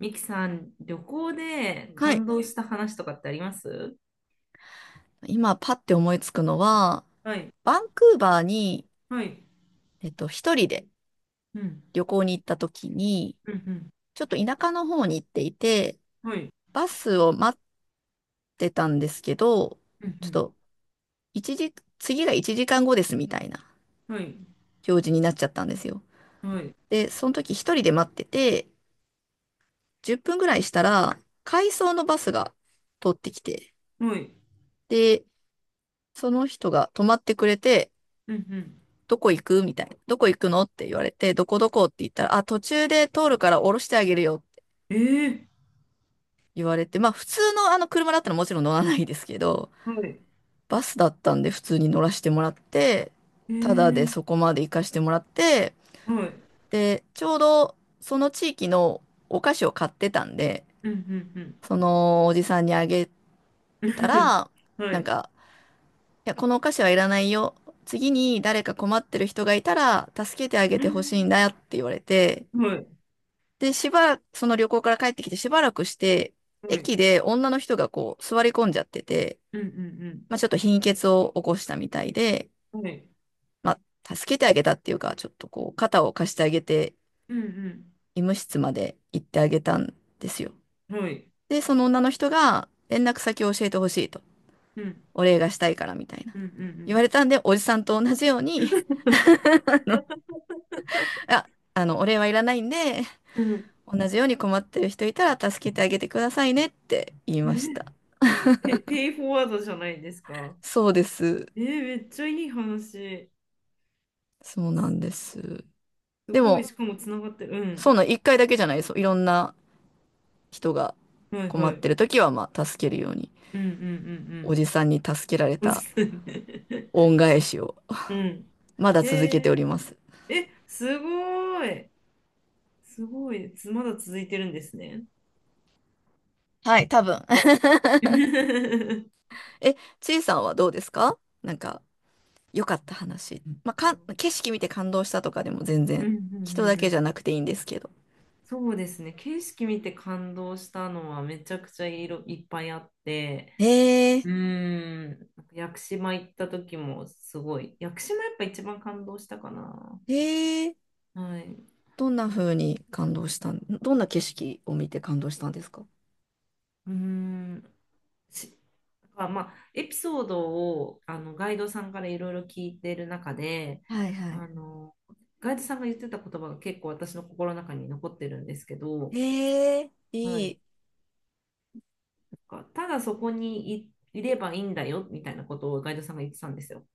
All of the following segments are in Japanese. ミキさん、旅行でうんは感い。動した話とかってあります？今、パッて思いつくのは、はい。バンクーバーに、はい。一人でうん。旅行に行った時に、うん。ちょっと田舎の方に行っていて、うん。はい。バスを待ってたんですけど、うちょっん。と、一時、次が1時間後ですみたいなうん。はい。表示になっちゃったんですよ。はい。で、その時一人で待ってて、10分ぐらいしたら、回送のバスが通ってきて、はい。で、その人が止まってくれて、うん。どこ行くみたいな。どこ行くのって言われて、どこどこって言ったら、あ、途中で通るから降ろしてあげるよってうん。えー。言われて、まあ普通のあの車だったらもちろん乗らないですけど、はい。バスだったんで普通に乗らせてもらって、えただでー。そこまで行かしてもらって、はい。で、ちょうどその地域のお菓子を買ってたんで、うん。うん。そのおじさんにあげうたん。ら、はなんい。か、いや、このお菓子はいらないよ。次に誰か困ってる人がいたら助けてあげてほしいんだよって言われて、はい。で、しばらく、その旅行から帰ってきてしばらくして、はい。駅で女の人がこう座り込んじゃってて、うん。うん。まあちょっと貧血を起こしたみたいで、うん。はい。まあ助けてあげたっていうか、ちょっとこう肩を貸してあげて、うん。医務室まで行ってあげたんですよ。うん。はい。で、その女の人が連絡先を教えてほしいと、うん。お礼がしたいからみたいな。うん。う言ん。われたんで、おじさんと同じように、あ、あの、お礼はいらないんで、うん。うん。同じように困ってる人いたら助けてあげてくださいねって言いえましー、た。ペイフォワードじゃないですか。そうです。えー、めっちゃいい話。そうなんです。すでごい、も、しかもつながってる。うん。そんな1回だけじゃないです。いろんな人がはい困はってい。る時は、まあ、助けるように、うんうおんじさんに助けられうんうん。たそうですね。恩返しを、うん。まだへ続けてえ、おります。え、すごい。すごい。つまだ続いてるんですね。はい、多分。うんえ、ちいさんはどうですか、なんか、良かった話。まあ、か景色見て感動したとかでも全う然、んう人だんうけじゃん。なくていいんですけど。そうですね。景色見て感動したのはめちゃくちゃいっぱいあって、へうえ、ーん、なんか屋久島行った時もすごい。屋久島やっぱ一番感動したかな。へえ。はい。うどんな風に感動したん、どんな景色を見て感動したんですか？ーん。しだからまあ、エピソードをガイドさんからいろいろ聞いてる中で、はいはあい。の、ガイドさんが言ってた言葉が結構私の心の中に残ってるんですけど、へえ、はいい、い。なんかただそこにいればいいんだよみたいなことをガイドさんが言ってたんですよ。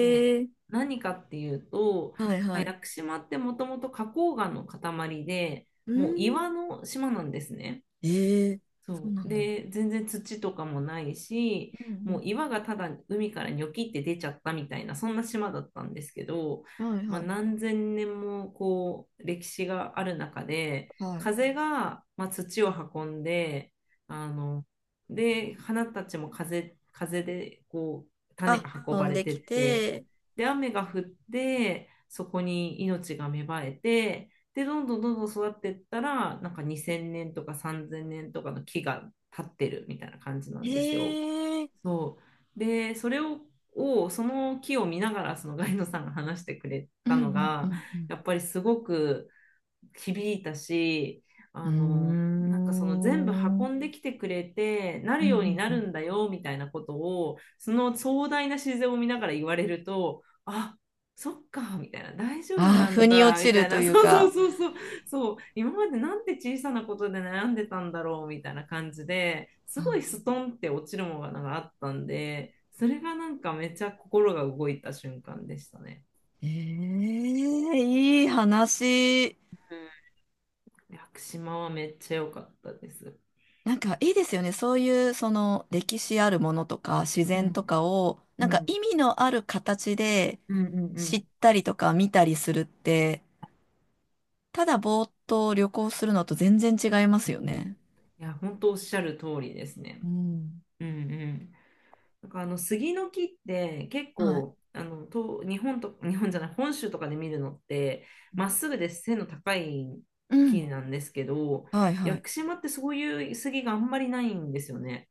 ねえ。何かっていうと、はいまあは屋い。久島ってもともと花崗岩の塊で、うもうん。岩の島なんですね。ええ。そうそなう。んだ。で、全然土とかもないし、うもうん岩がただ海からニョキって出ちゃったみたいな、そんな島だったんですけど、うん。はいまあ、はい。何千年もこう歴史がある中で、はい。風が、まあ、土を運んで、あの、で、花たちも風でこう種あ、が運飛ばんれでてきって、て、で、雨が降って、そこに命が芽生えて、で、どんどんどんどん育っていったら、なんか2000年とか3000年とかの木が立ってるみたいな感じなんですよ。ええ。そう。で、それを、をその木を見ながら、そのガイドさんが話してくれうんたのうが、んうんやっぱりすごく、響いたし、うあの、なんかその全部ん。うーん。運んできてくれて、なるようになるんだよ、みたいなことを、その壮大な自然を見ながら言われると、あ、そっか、みたいな、大丈夫ああ、な腑んにだ、落みちたるいとな、いうそうそうか。そうそう、そう、今までなんて小さなことで悩んでたんだろう、みたいな感じで、すごいストンって落ちるものがあったんで、それがなんかめっちゃ心が動いた瞬間でしたね。ええ。いい話。屋久島はめっちゃ良かったです。なんかいいですよね。そういうその歴史あるものとか自う然とんかをうなんかん、意味のある形でうんうんうん。知いったりとか見たりするって、ただぼーっと旅行するのと全然違いますよね。や、本当おっしゃる通りですね。うん。うんうん。なんか杉の木って結はい。構あのと日本と日本じゃない本州とかで見るのってまっすぐで背の高いう木ん。なんですけど、はい屋はい。久島ってそういう杉があんまりないんですよね。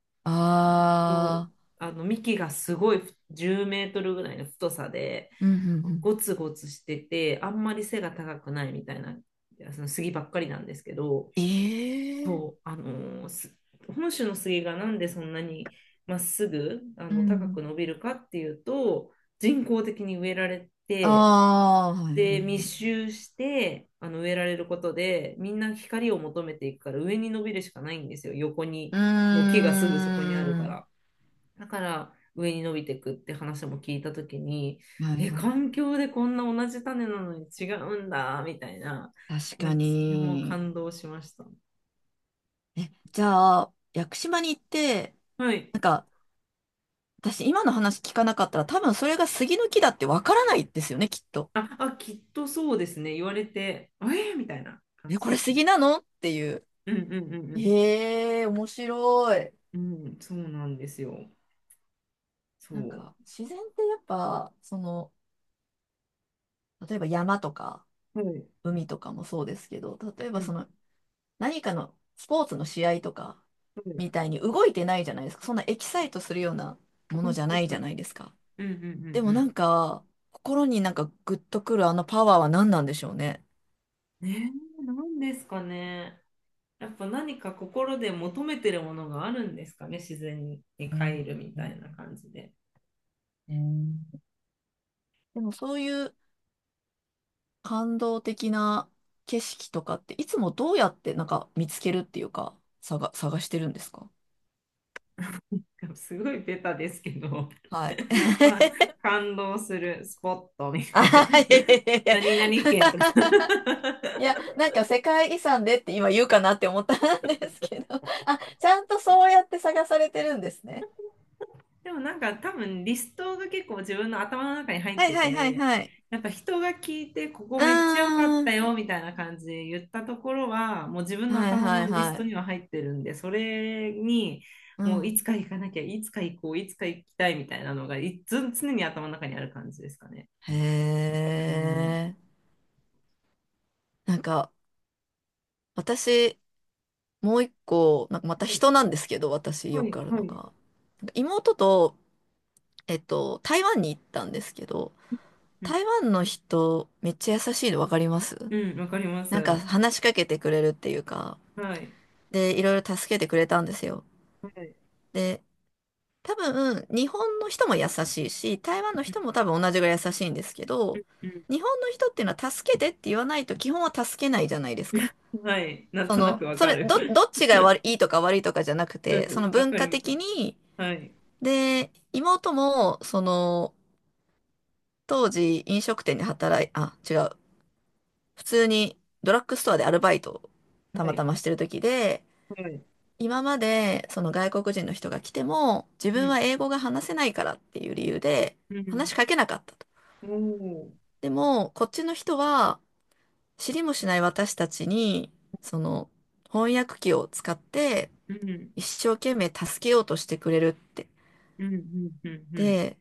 うんと、あー。あの幹がすごい10メートルぐらいの太さでうんうんうゴツゴツしててあんまり背が高くないみたいな、その杉ばっかりなんですけど。ん。えそう、ー。あのーす本州の杉がなんでそんなにまっすぐあうの高くん。伸びるかっていうと人工的に植えられて、あー。はいはいで密はい。集してあの植えられることでみんな光を求めていくから上に伸びるしかないんですよ。横にうもう木ーがすぐそこにあるかん。らだから上に伸びていくって話も聞いた時に、はいえ、は環境でこんな同じ種なのに違うんだみたいな、い。確なかんかそれもに。感動しました。え、じゃあ、屋久島に行って、はい。なんか、私今の話聞かなかったら多分それが杉の木だってわからないですよね、きっと。あ、あ、きっとそうですね。言われて、あえーみたいな感え、じこでれすね。杉なのっていう。うんうんうんうん。へえー、面白い。うん、そうなんですよ。なんそか、自然ってやっぱ、その、例えば山とかう。はい。海とかもそうですけど、例えうばそん。の、何かのスポーツの試合とかはい。みたいに動いてないじゃないですか。そんなエキサイトするようなもはのいじゃはないいじはゃい、ないですか。うんうんでうんもうなんん。か、心になんかグッとくるあのパワーは何なんでしょうね。ね、え、なんですかね。やっぱ何か心で求めてるものがあるんですかね。自然にうん帰るみうたいな感じで。ん。でもそういう感動的な景色とかって、いつもどうやってなんか見つけるっていうか、探してるんですか？ すごいベタですけど、はい。か、感動するスポットみあたいはな。は、いやい やいやいや。何々県とか。 いや、なんか世界遺産でって今言うかなって思ったんですけど。あ、ちゃんとそうやって探されてるんですね。でもなんか多分リストが結構自分の頭の中に入っはいてはいはいて、はい。やっぱ人が聞いてここうーめっちゃ良かったん。よみたいな感じで言ったところはもう自分のはい頭はいのリはストにい。は入ってるんで、それにうもういん。つか行かなきゃ、いつか行こう、いつか行きたいみたいなのがいつ常に頭の中にある感じですかね。へうん。え。なんか、私、もう一個、なんかまたはい人なんですけど、私はよいくあるはのが。い、なんか妹と、台湾に行ったんですけど、うん台湾の人、めっちゃ優しいの分かります？うん、わかります。なんかは話しかけてくれるっていうか、い。で、いろいろ助けてくれたんですよ。はい。で、多分、日本の人も優しいし、台湾のうん人も多分同じぐらい優しいんですけど、うん、日本の人っていうのは助けてって言わないと基本は助けないじゃないですか。はい。なんそとなくの、わそかれ、る。どっち が悪いいとか悪いとかじゃなくうんて、うそのん、わ文か化るわか的る。に、はい。で、妹も、その、当時飲食店で働い、あ、違う、普通にドラッグストアでアルバイトをたはまたい。ましてる時で、はい。今までその外国人の人が来ても自う分ん、は英語が話せないからっていう理由でう話しん、かけなかったと。おー、でもこっちの人は知りもしない私たちにその翻訳機を使ってうん、一生懸命助けようとしてくれるって。うん、うん、うん、うん。で、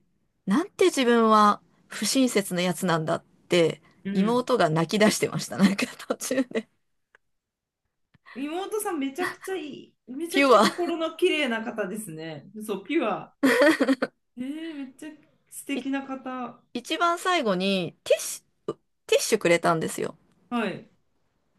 なんて自分は不親切なやつなんだってうん。妹が泣き出してました。なんか途中で。妹さんめちゃくちゃいい、めちピゃくュちゃア。心の綺麗な方ですね。そう、ピュア。えー、めっちゃ素い敵な方。一番最後にュ、ティッシュくれたんですよ。はい、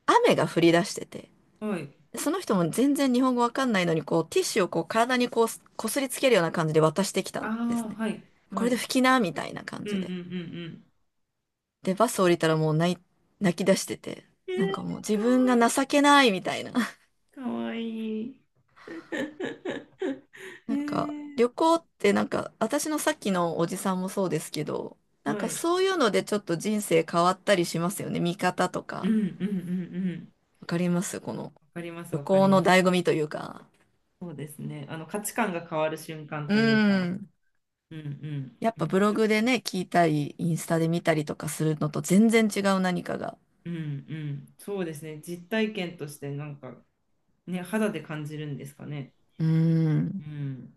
雨が降り出してて。はい。その人も全然日本語わかんないのに、こう、ティッシュをこう、体にこう、こすりつけるような感じで渡してきたあんですあ、ね。はい、こはれで拭い。きな、みたいな感うんじうんうんで。うん。で、バス降りたらもう泣き出してて、なんかえもう自分が情けないみたいな。ー、かわいい、かわいい。えなんか、ー、旅行ってなんか、私のさっきのおじさんもそうですけど、なんはかい。そういうのでちょっと人生変わったりしますよね。見方とうんか。うんうんうん。わかりますこのわかります、旅わかり行まの醍す。醐味というか。そうですね。あの価値観が変わる瞬間うというか。ん。うんうん。やっぱめっブロちゃわかグでる。ね、聞いたり、インスタで見たりとかするのと全然違う何かが。うんうん。そうですね。実体験としてなんか、ね、肌で感じるんですかね。うーうん。ん。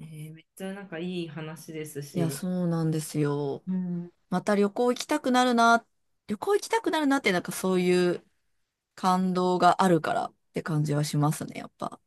えーめっちゃなんかいい話ですいや、し、そうなんですよ。うんまた旅行行きたくなるな、旅行行きたくなるなって、なんかそういう感動があるからって感じはしますね、やっぱ。